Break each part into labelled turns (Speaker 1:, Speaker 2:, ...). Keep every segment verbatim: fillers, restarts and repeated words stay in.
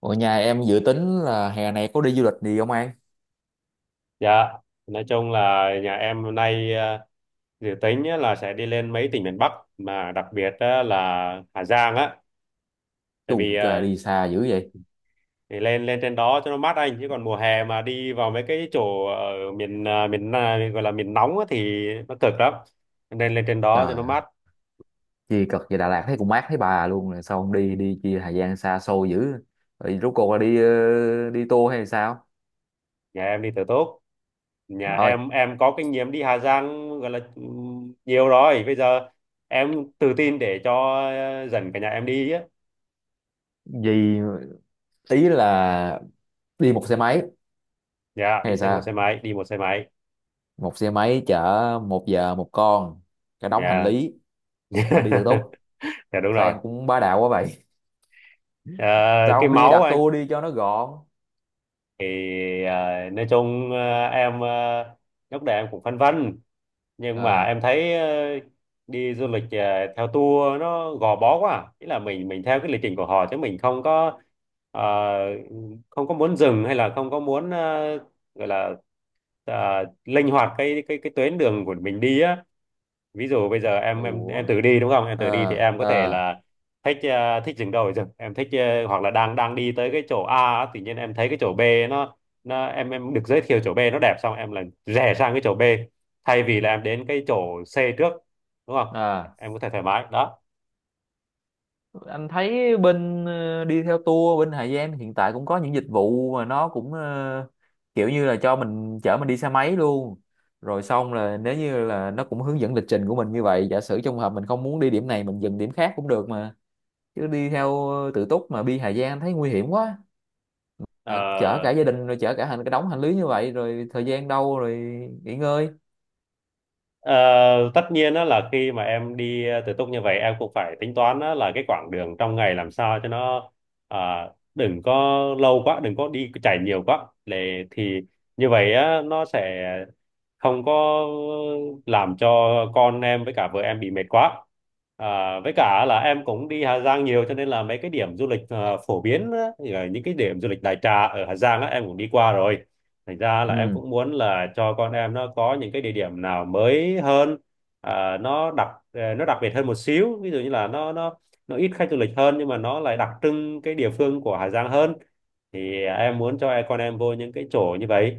Speaker 1: Ở nhà em dự tính là hè này có đi du lịch gì không An?
Speaker 2: Dạ, nói chung là nhà em hôm nay ờ, dự tính á là sẽ đi lên mấy tỉnh miền Bắc mà đặc biệt á là Hà Giang á, tại vì
Speaker 1: Chù trời
Speaker 2: ờ,
Speaker 1: đi xa dữ vậy.
Speaker 2: thì lên lên trên đó cho nó mát anh, chứ còn mùa hè mà đi vào mấy cái chỗ ở miền ờ, miền Na- gọi là miền nóng á thì nó cực lắm. Cho nên lên trên đó cho
Speaker 1: Trời
Speaker 2: nó
Speaker 1: ơi,
Speaker 2: mát.
Speaker 1: chi cực về Đà Lạt thấy cũng mát thấy bà luôn rồi sao không đi đi chi thời gian xa xôi dữ. Rồi rốt cuộc là đi ờ, đi tour hay sao?
Speaker 2: Nhà em đi từ tốt. Nhà
Speaker 1: Trời ơi,
Speaker 2: em em có kinh nghiệm đi Hà Giang, gọi là ừm, nhiều rồi. Bây giờ em tự tin để cho ờ, dẫn cả nhà em đi á.
Speaker 1: gì tí là đi một xe máy
Speaker 2: Dạ, đi
Speaker 1: hay
Speaker 2: xe một xe
Speaker 1: sao?
Speaker 2: máy, đi một xe máy.
Speaker 1: Một xe máy chở một giờ một con cả đống hành
Speaker 2: Dạ.
Speaker 1: lý mà đi tự túc.
Speaker 2: Dạ, đúng
Speaker 1: Sao
Speaker 2: rồi.
Speaker 1: em cũng bá đạo quá vậy?
Speaker 2: Ờ,
Speaker 1: Sao
Speaker 2: cái
Speaker 1: không đi
Speaker 2: máu
Speaker 1: đặt
Speaker 2: anh
Speaker 1: tour đi cho nó gọn?
Speaker 2: thì ờ, nói chung, ờ, em ờ, lúc đầu em cũng phân vân, nhưng mà
Speaker 1: À,
Speaker 2: em thấy ờ, đi du lịch ờ, theo tour nó gò bó quá à. Nghĩa là mình mình theo cái lịch trình của họ chứ mình không có ờ, không có muốn dừng, hay là không có muốn ờ, gọi là ờ, linh hoạt cái cái cái tuyến đường của mình đi á. Ví dụ bây giờ em em em
Speaker 1: ủa.
Speaker 2: tự đi đúng không, em tự đi thì
Speaker 1: À,
Speaker 2: em có thể
Speaker 1: à,
Speaker 2: là thích ờ, thích dừng đầu ở rừng em thích, ờ, hoặc là đang đang đi tới cái chỗ A á, tự nhiên em thấy cái chỗ B nó nó em em được giới thiệu chỗ B nó đẹp, xong em là rẽ sang cái chỗ B thay vì là em đến cái chỗ C trước, đúng không,
Speaker 1: à.
Speaker 2: em có thể thoải mái đó.
Speaker 1: anh thấy bên ờ, đi theo tour bên Hà Giang hiện tại cũng có những dịch vụ mà nó cũng ờ, kiểu như là cho mình chở mình đi xe máy luôn, rồi xong là nếu như là nó cũng hướng dẫn lịch trình của mình như vậy, giả sử trong hợp mình không muốn đi điểm này mình dừng điểm khác cũng được mà. Chứ đi theo ờ, tự túc mà đi Hà Giang anh thấy nguy hiểm quá,
Speaker 2: Ờ.
Speaker 1: mà chở cả gia đình rồi chở cả hành cái đống hành lý như vậy rồi thời gian đâu rồi nghỉ ngơi.
Speaker 2: Ờ, tất nhiên á, là khi mà em đi ờ, tự túc như vậy em cũng phải tính toán á, là cái quãng đường trong ngày làm sao cho nó à, đừng có lâu quá, đừng có đi chạy nhiều quá, để thì như vậy á, nó sẽ không có làm cho con em với cả vợ em bị mệt quá. À, với cả là em cũng đi Hà Giang nhiều, cho nên là mấy cái điểm du lịch ờ, phổ biến á, như những cái điểm du lịch đại trà ở Hà Giang á, em cũng đi qua rồi, thành ra là em
Speaker 1: Ừ,
Speaker 2: cũng muốn là cho con em nó có những cái địa điểm nào mới hơn, à, nó đặc ờ, nó đặc biệt hơn một xíu. Ví dụ như là nó nó nó ít khách du lịch hơn nhưng mà nó lại đặc trưng cái địa phương của Hà Giang hơn, thì em muốn cho con em vô những cái chỗ như vậy.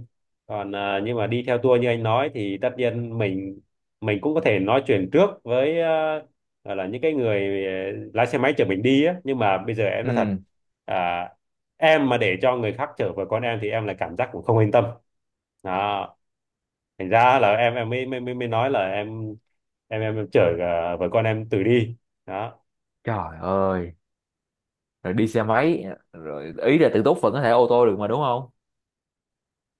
Speaker 2: Còn à, nhưng mà đi theo tour như anh nói thì tất nhiên mình, mình cũng có thể nói chuyện trước với à, gọi là những cái người ờ, lái xe máy chở mình đi á, nhưng mà bây giờ em nói thật,
Speaker 1: ừ.
Speaker 2: à, em mà để cho người khác chở với con em thì em lại cảm giác cũng không yên tâm, đó. Thành ra là em em mới mới mới mới nói là em em em, em chở à, vợ con em tự đi, đó.
Speaker 1: Trời ơi, rồi đi xe máy, rồi ý là tự túc vẫn có thể ô tô được mà đúng không?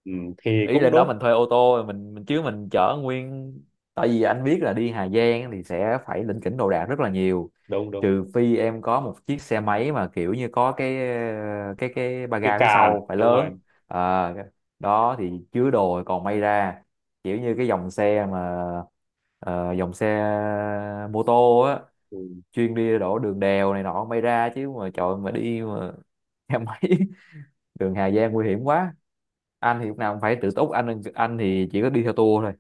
Speaker 2: Ừ, thì
Speaker 1: Ý
Speaker 2: cũng
Speaker 1: lên đó
Speaker 2: đúng.
Speaker 1: mình thuê ô tô mình mình chứ mình chở nguyên, tại vì anh biết là đi Hà Giang thì sẽ phải lỉnh kỉnh đồ đạc rất là nhiều,
Speaker 2: Đúng đúng,
Speaker 1: trừ phi em có một chiếc xe máy mà kiểu như có cái cái cái ba
Speaker 2: cái
Speaker 1: ga phía
Speaker 2: càng,
Speaker 1: sau phải
Speaker 2: đúng
Speaker 1: lớn.
Speaker 2: rồi.
Speaker 1: à, Đó thì chứa đồ thì còn may ra, kiểu như cái dòng xe mà ờ, dòng xe mô tô á,
Speaker 2: Ừ.
Speaker 1: chuyên đi đổ đường đèo này nọ may ra. Chứ mà trời mà đi mà xe máy, đường Hà Giang nguy hiểm quá. Anh thì lúc nào cũng phải tự túc, anh anh thì chỉ có đi theo tour thôi.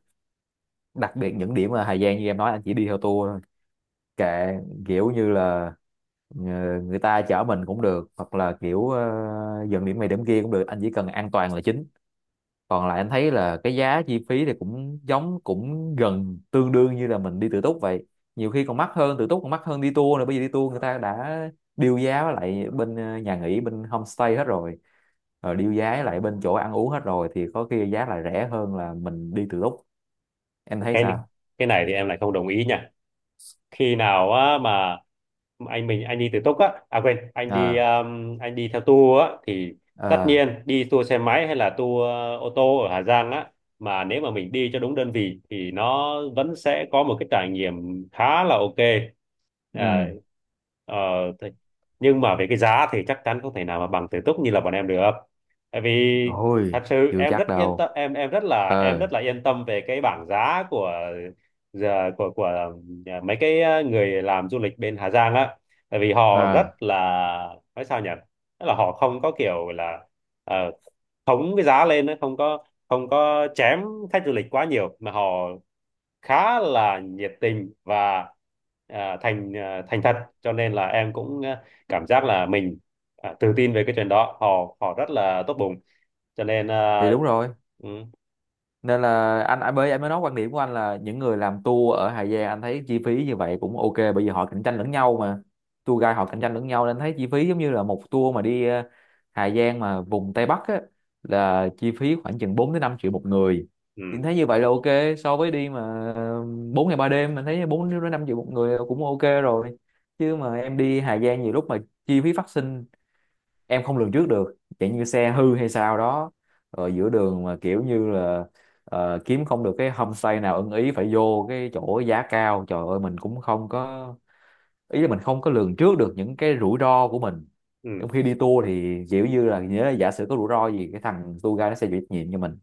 Speaker 1: Đặc biệt những điểm ở Hà Giang như em nói anh chỉ đi theo tour thôi, kệ, kiểu như là ờ, người ta chở mình cũng được hoặc là kiểu ờ, dừng điểm này điểm kia cũng được, anh chỉ cần an toàn là chính. Còn lại anh thấy là cái giá chi phí thì cũng giống cũng gần tương đương như là mình đi tự túc vậy, nhiều khi còn mắc hơn tự túc, còn mắc hơn đi tour nữa, bởi vì đi tour người ta đã deal giá với lại bên ờ, nhà nghỉ bên homestay hết rồi, rồi deal giá với lại bên chỗ ăn uống hết rồi thì có khi giá lại rẻ hơn là mình đi tự túc. Em thấy
Speaker 2: Cái
Speaker 1: sao?
Speaker 2: cái này thì em lại không đồng ý nhỉ. Khi nào á mà anh mình anh đi tự túc á à quên anh đi
Speaker 1: À,
Speaker 2: um, anh đi theo tour á thì tất
Speaker 1: à.
Speaker 2: nhiên đi tour xe máy hay là tour ờ, ô tô ở Hà Giang á, mà nếu mà mình đi cho đúng đơn vị thì nó vẫn sẽ có một cái trải nghiệm khá là ok. À.
Speaker 1: Ừ.
Speaker 2: Ờ. thế- nhưng mà về cái giá thì chắc chắn không thể nào mà bằng tự túc như là bọn em được. Tại vì
Speaker 1: Ôi,
Speaker 2: thật sự
Speaker 1: chưa
Speaker 2: em
Speaker 1: chắc
Speaker 2: rất yên
Speaker 1: đâu.
Speaker 2: tâm, em em rất là em
Speaker 1: Ờ.
Speaker 2: rất là yên tâm về cái bảng giá của giờ của của Nhà- mấy cái ờ, người làm du lịch bên Hà Giang á. Tại vì họ rất
Speaker 1: À,
Speaker 2: là, nói sao nhỉ, tức là họ không có kiểu là ờ, khống cái giá lên á, không có không có chém khách du lịch quá nhiều, mà họ khá là nhiệt tình và ờ, thành ờ, thành thật, cho nên là em cũng ờ, cảm giác là mình ờ, tự tin về cái chuyện đó. Họ họ rất là tốt bụng cho nên ờ.
Speaker 1: thì đúng rồi,
Speaker 2: Ừ,
Speaker 1: nên là anh anh mới anh mới nói, quan điểm của anh là những người làm tour ở Hà Giang anh thấy chi phí như vậy cũng ok, bởi vì họ cạnh tranh lẫn nhau mà. Tour guide họ cạnh tranh lẫn nhau nên thấy chi phí giống như là một tour mà đi ờ, Hà Giang mà vùng Tây Bắc á, là chi phí khoảng chừng bốn đến năm triệu một người, thì anh
Speaker 2: ừ.
Speaker 1: thấy như vậy là ok. So với đi mà ờ, bốn ngày ba đêm, mình thấy bốn đến năm triệu một người là cũng ok rồi. Chứ mà em đi Hà Giang nhiều lúc mà chi phí phát sinh em không lường trước được, chẳng như xe hư hay sao đó, rồi giữa đường mà kiểu như là ờ, kiếm không được cái homestay nào ưng ý phải vô cái chỗ giá cao, trời ơi, mình cũng không có, ý là mình không có lường trước được những cái rủi ro của mình.
Speaker 2: Ừ,
Speaker 1: Trong khi đi tour thì kiểu như là nhớ là giả sử có rủi ro gì cái thằng tour guide nó sẽ chịu trách nhiệm cho mình,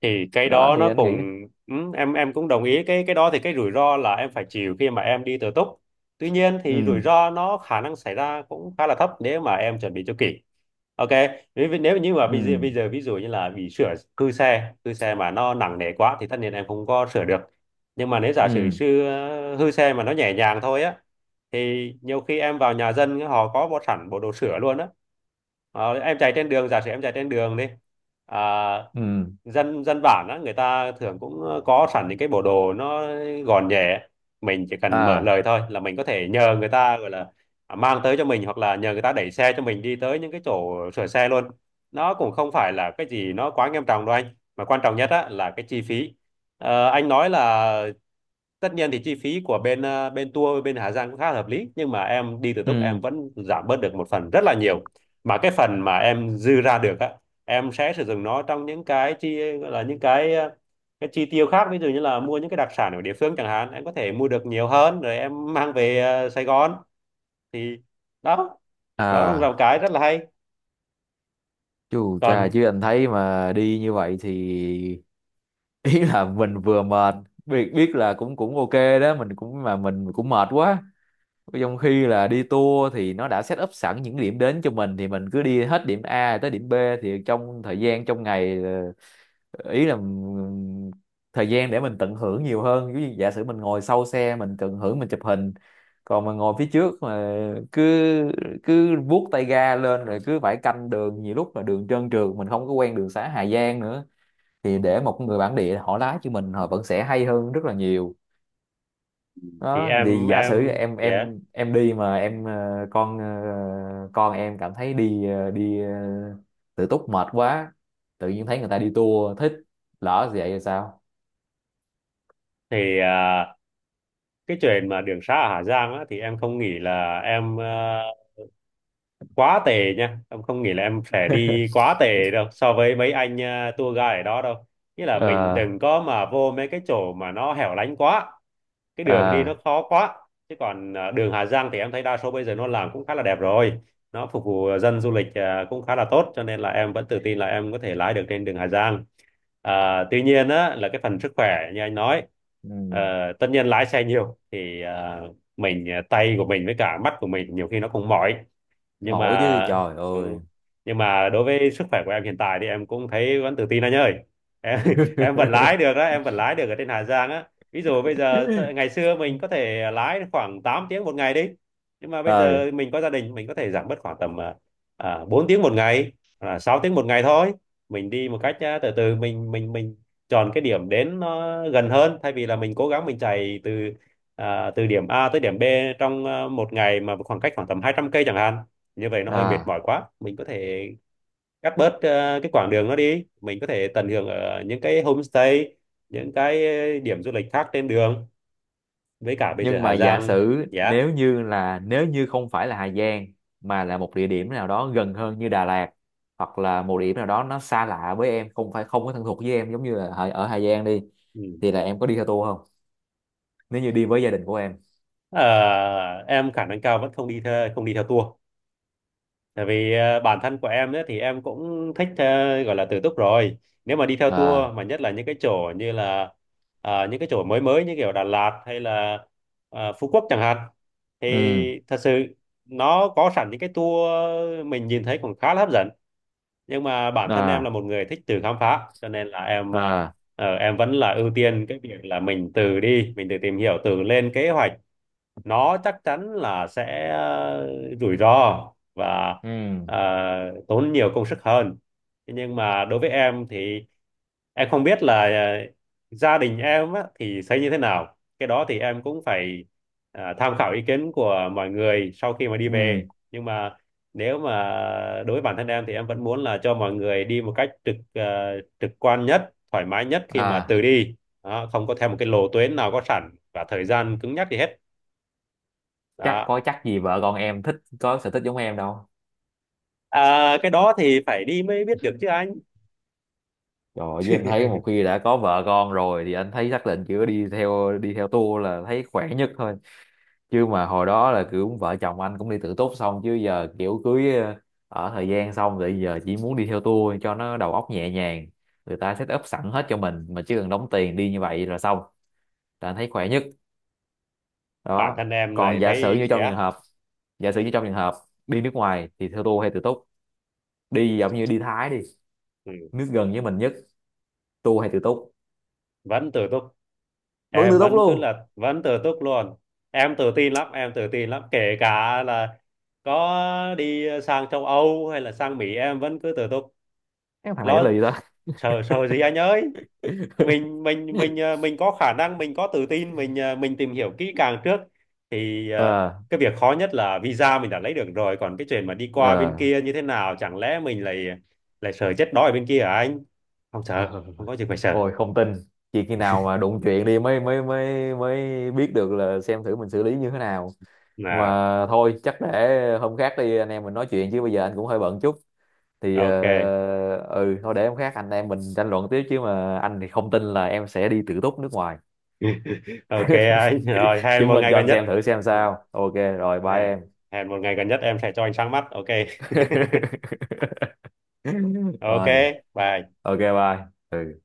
Speaker 2: thì cái
Speaker 1: đó
Speaker 2: đó
Speaker 1: thì
Speaker 2: nó
Speaker 1: anh nghĩ.
Speaker 2: cũng, ừ, em em cũng đồng ý cái cái đó, thì cái rủi ro là em phải chịu khi mà em đi tự túc. Tuy nhiên thì rủi
Speaker 1: Ừ,
Speaker 2: ro nó khả năng xảy ra cũng khá là thấp, nếu mà em chuẩn bị cho kỹ. Ok, nếu nếu như mà
Speaker 1: ừ,
Speaker 2: bây giờ bây giờ ví dụ như là bị sửa, hư xe hư xe mà nó nặng nề quá thì tất nhiên em không có sửa được. Nhưng mà nếu giả sử
Speaker 1: ừ,
Speaker 2: sư hư xe mà nó nhẹ nhàng thôi á, thì nhiều khi em vào nhà dân họ có một sẵn bộ đồ sửa luôn á. Ờ, em chạy trên đường, giả sử em chạy trên đường đi, à,
Speaker 1: ừ.
Speaker 2: dân dân bản á, người ta thường cũng ờ, có sẵn những cái bộ đồ nó gọn nhẹ. Mình chỉ cần mở
Speaker 1: À.
Speaker 2: lời thôi là mình có thể nhờ người ta gọi là à, mang tới cho mình, hoặc là nhờ người ta đẩy xe cho mình đi tới những cái chỗ sửa xe luôn. Nó cũng không phải là cái gì nó quá nghiêm trọng đâu anh, mà quan trọng nhất á là cái chi phí. Ờ, anh nói là tất nhiên thì chi phí của bên ờ, bên tour bên Hà Giang cũng khá là hợp lý, nhưng mà em đi tự túc em
Speaker 1: Ừ.
Speaker 2: vẫn giảm bớt được một phần rất là nhiều. Mà cái phần mà em dư ra được á, em sẽ sử dụng nó trong những cái chi, gọi là những cái ờ, cái chi tiêu khác, ví dụ như là mua những cái đặc sản ở địa phương chẳng hạn, em có thể mua được nhiều hơn rồi em mang về ờ, Sài Gòn. Thì đó, đó là một
Speaker 1: À.
Speaker 2: cái rất là hay.
Speaker 1: Chú cha,
Speaker 2: Còn
Speaker 1: chứ anh thấy mà đi như vậy thì ý là mình vừa mệt, biết biết là cũng cũng ok đó, mình cũng mà mình cũng mệt quá. Trong khi là đi tour thì nó đã set up sẵn những điểm đến cho mình thì mình cứ đi hết điểm A tới điểm B, thì trong thời gian trong ngày ờ, ý là ừm, thời gian để mình tận hưởng nhiều hơn, ví dụ giả sử mình ngồi sau xe mình tận hưởng mình chụp hình, còn mà ngồi phía trước mà cứ cứ vuốt tay ga lên rồi cứ phải canh đường, nhiều lúc là đường trơn trượt mình không có quen đường xá Hà Giang nữa, thì để một người bản địa họ lái cho mình họ vẫn sẽ hay hơn rất là nhiều.
Speaker 2: thì
Speaker 1: Đó thì
Speaker 2: em
Speaker 1: giả sử
Speaker 2: em
Speaker 1: em
Speaker 2: yeah,
Speaker 1: em em đi mà em ờ, con ờ, con em cảm thấy đi ờ, đi ờ, tự túc mệt quá, tự nhiên thấy người ta đi tour thích, lỡ vậy thì sao?
Speaker 2: thì ờ, cái chuyện mà đường sá ở Hà Giang á thì em không nghĩ là em ờ, quá tệ nha, em không nghĩ là em sẽ đi quá tệ đâu so với mấy anh ờ, tour guide ở đó đâu. Nghĩa là
Speaker 1: Ờ,
Speaker 2: mình đừng có mà vô mấy cái chỗ mà nó hẻo lánh quá, cái
Speaker 1: ờ.
Speaker 2: đường đi nó khó quá. Chứ còn ờ, đường Hà Giang thì em thấy đa số bây giờ nó làm cũng khá là đẹp rồi, nó phục vụ à, dân du lịch ờ, cũng khá là tốt, cho nên là em vẫn tự tin là em có thể lái được trên đường Hà Giang. À, tuy nhiên á là cái phần sức khỏe như anh nói, ờ,
Speaker 1: Ừ.
Speaker 2: tất nhiên lái xe nhiều thì ờ, mình à, tay của mình với cả mắt của mình nhiều khi nó cũng mỏi, nhưng mà
Speaker 1: Mỏi chứ, trời
Speaker 2: ừ.
Speaker 1: ơi.
Speaker 2: Nhưng mà đối với sức khỏe của em hiện tại thì em cũng thấy vẫn tự tin anh ơi. Em em vẫn lái được đó, em vẫn lái được ở trên Hà Giang á. Ví dụ bây giờ ngày xưa mình có thể lái khoảng tám tiếng một ngày đi, nhưng mà bây
Speaker 1: Ờ.
Speaker 2: giờ mình có gia đình mình có thể giảm bớt khoảng tầm à, bốn tiếng một ngày, à, sáu tiếng một ngày thôi. Mình đi một cách à, từ từ, mình mình mình chọn cái điểm đến nó gần hơn, thay vì là mình cố gắng mình chạy từ à, từ điểm A tới điểm B trong à, một ngày mà khoảng cách khoảng tầm hai trăm cây chẳng hạn, như vậy nó hơi mệt
Speaker 1: À,
Speaker 2: mỏi quá. Mình có thể cắt bớt ờ, cái quãng đường nó đi, mình có thể tận hưởng ở những cái homestay, những cái ờ, điểm du lịch khác trên đường. Với cả bây giờ
Speaker 1: nhưng mà
Speaker 2: Hà
Speaker 1: giả
Speaker 2: Giang
Speaker 1: sử
Speaker 2: giá.
Speaker 1: nếu như là nếu như không phải là Hà Giang mà là một địa điểm nào đó gần hơn như Đà Lạt, hoặc là một địa điểm nào đó nó xa lạ với em, không phải, không có thân thuộc với em giống như là ở ở Hà Giang đi,
Speaker 2: Ừ.
Speaker 1: thì là em có đi theo tour không nếu như đi với gia đình của em?
Speaker 2: Ờ, em khả năng cao vẫn không đi theo, không đi theo tour. Tại vì ờ, bản thân của em ấy, thì em cũng thích ờ, gọi là tự túc rồi. Nếu mà đi theo
Speaker 1: À.
Speaker 2: tour mà nhất là những cái chỗ như là ờ, những cái chỗ mới mới như kiểu Đà Lạt hay là ờ, Phú Quốc chẳng hạn,
Speaker 1: Ừ.
Speaker 2: thì thật sự nó có sẵn những cái tour mình nhìn thấy cũng khá là hấp dẫn. Nhưng mà bản thân em là
Speaker 1: À,
Speaker 2: một người thích tự khám phá, cho nên là em ờ,
Speaker 1: à.
Speaker 2: ờ, em vẫn là ưu tiên cái việc là mình tự đi, mình tự tìm hiểu, tự lên kế hoạch. Nó chắc chắn là sẽ ờ, rủi ro và
Speaker 1: Ừ,
Speaker 2: ờ, tốn nhiều công sức hơn. Thế nhưng mà đối với em thì em không biết là ờ, gia đình em á, thì thấy như thế nào, cái đó thì em cũng phải ờ, tham khảo ý kiến của mọi người sau khi mà đi
Speaker 1: ừ.
Speaker 2: về. Nhưng mà nếu mà đối với bản thân em thì em vẫn muốn là cho mọi người đi một cách trực ờ, trực quan nhất, thoải mái nhất, khi mà
Speaker 1: À.
Speaker 2: từ đi đó, không có theo một cái lộ tuyến nào có sẵn và thời gian cứng nhắc gì hết,
Speaker 1: Chắc
Speaker 2: đó.
Speaker 1: có chắc gì vợ con em thích có sở thích giống em đâu.
Speaker 2: À, cái đó thì phải đi mới biết được chứ anh.
Speaker 1: Trời ơi, với anh thấy một khi đã có vợ con rồi thì anh thấy xác định chỉ đi theo đi theo tour là thấy khỏe nhất thôi. Chứ mà hồi đó là kiểu vợ chồng anh cũng đi tự túc xong, chứ giờ kiểu cưới ờ, ở thời gian xong rồi giờ chỉ muốn đi theo tour cho nó đầu óc nhẹ nhàng, người ta set up sẵn hết cho mình mà chỉ cần đóng tiền đi như vậy là xong, là anh thấy khỏe nhất
Speaker 2: Bản
Speaker 1: đó.
Speaker 2: thân em lại
Speaker 1: Còn giả sử
Speaker 2: thấy
Speaker 1: như trong trường
Speaker 2: dạ.
Speaker 1: hợp, giả sử như trong trường hợp đi nước ngoài thì theo tour hay tự túc? Đi giống như đi Thái đi,
Speaker 2: Ừ,
Speaker 1: nước gần với mình nhất, tour hay tự túc?
Speaker 2: vẫn tự túc.
Speaker 1: Vẫn
Speaker 2: Em
Speaker 1: tự túc
Speaker 2: vẫn cứ
Speaker 1: luôn?
Speaker 2: là vẫn tự túc luôn. em tự tin lắm em tự tin lắm, kể cả là có đi sang châu Âu hay là sang Mỹ em vẫn cứ tự túc.
Speaker 1: Cái thằng này trả
Speaker 2: Lo
Speaker 1: lời gì ta.
Speaker 2: sợ, sợ gì anh ơi. mình mình mình ờ, mình có khả năng, mình có tự tin, mình ờ, mình tìm hiểu kỹ càng trước thì ờ,
Speaker 1: Ờ.
Speaker 2: cái việc khó nhất là visa mình đã lấy được rồi, còn cái chuyện mà đi qua bên kia như thế nào, chẳng lẽ mình lại lại sợ chết đói ở bên kia hả anh? Không sợ,
Speaker 1: Ờ.
Speaker 2: không có gì phải sợ
Speaker 1: Ôi, không tin, chỉ khi nào mà đụng chuyện đi mới mới mới mới biết được là xem thử mình xử lý như thế nào.
Speaker 2: là
Speaker 1: Mà thôi chắc để hôm khác đi anh em mình nói chuyện chứ bây giờ anh cũng hơi bận chút, thì
Speaker 2: ok.
Speaker 1: ờ, ừ thôi để hôm khác anh em mình tranh luận tiếp, chứ mà anh thì không tin là em sẽ đi tự túc nước ngoài.
Speaker 2: Ok anh, rồi hẹn
Speaker 1: Chứng
Speaker 2: một
Speaker 1: minh
Speaker 2: ngày
Speaker 1: cho
Speaker 2: gần
Speaker 1: anh xem
Speaker 2: nhất.
Speaker 1: thử xem
Speaker 2: Ừ,
Speaker 1: sao. Ok, rồi bye em.
Speaker 2: hẹn hẹn một ngày gần nhất em sẽ cho anh sáng mắt, ok.
Speaker 1: Rồi
Speaker 2: Ok, bye.
Speaker 1: ok, bye. Ừ.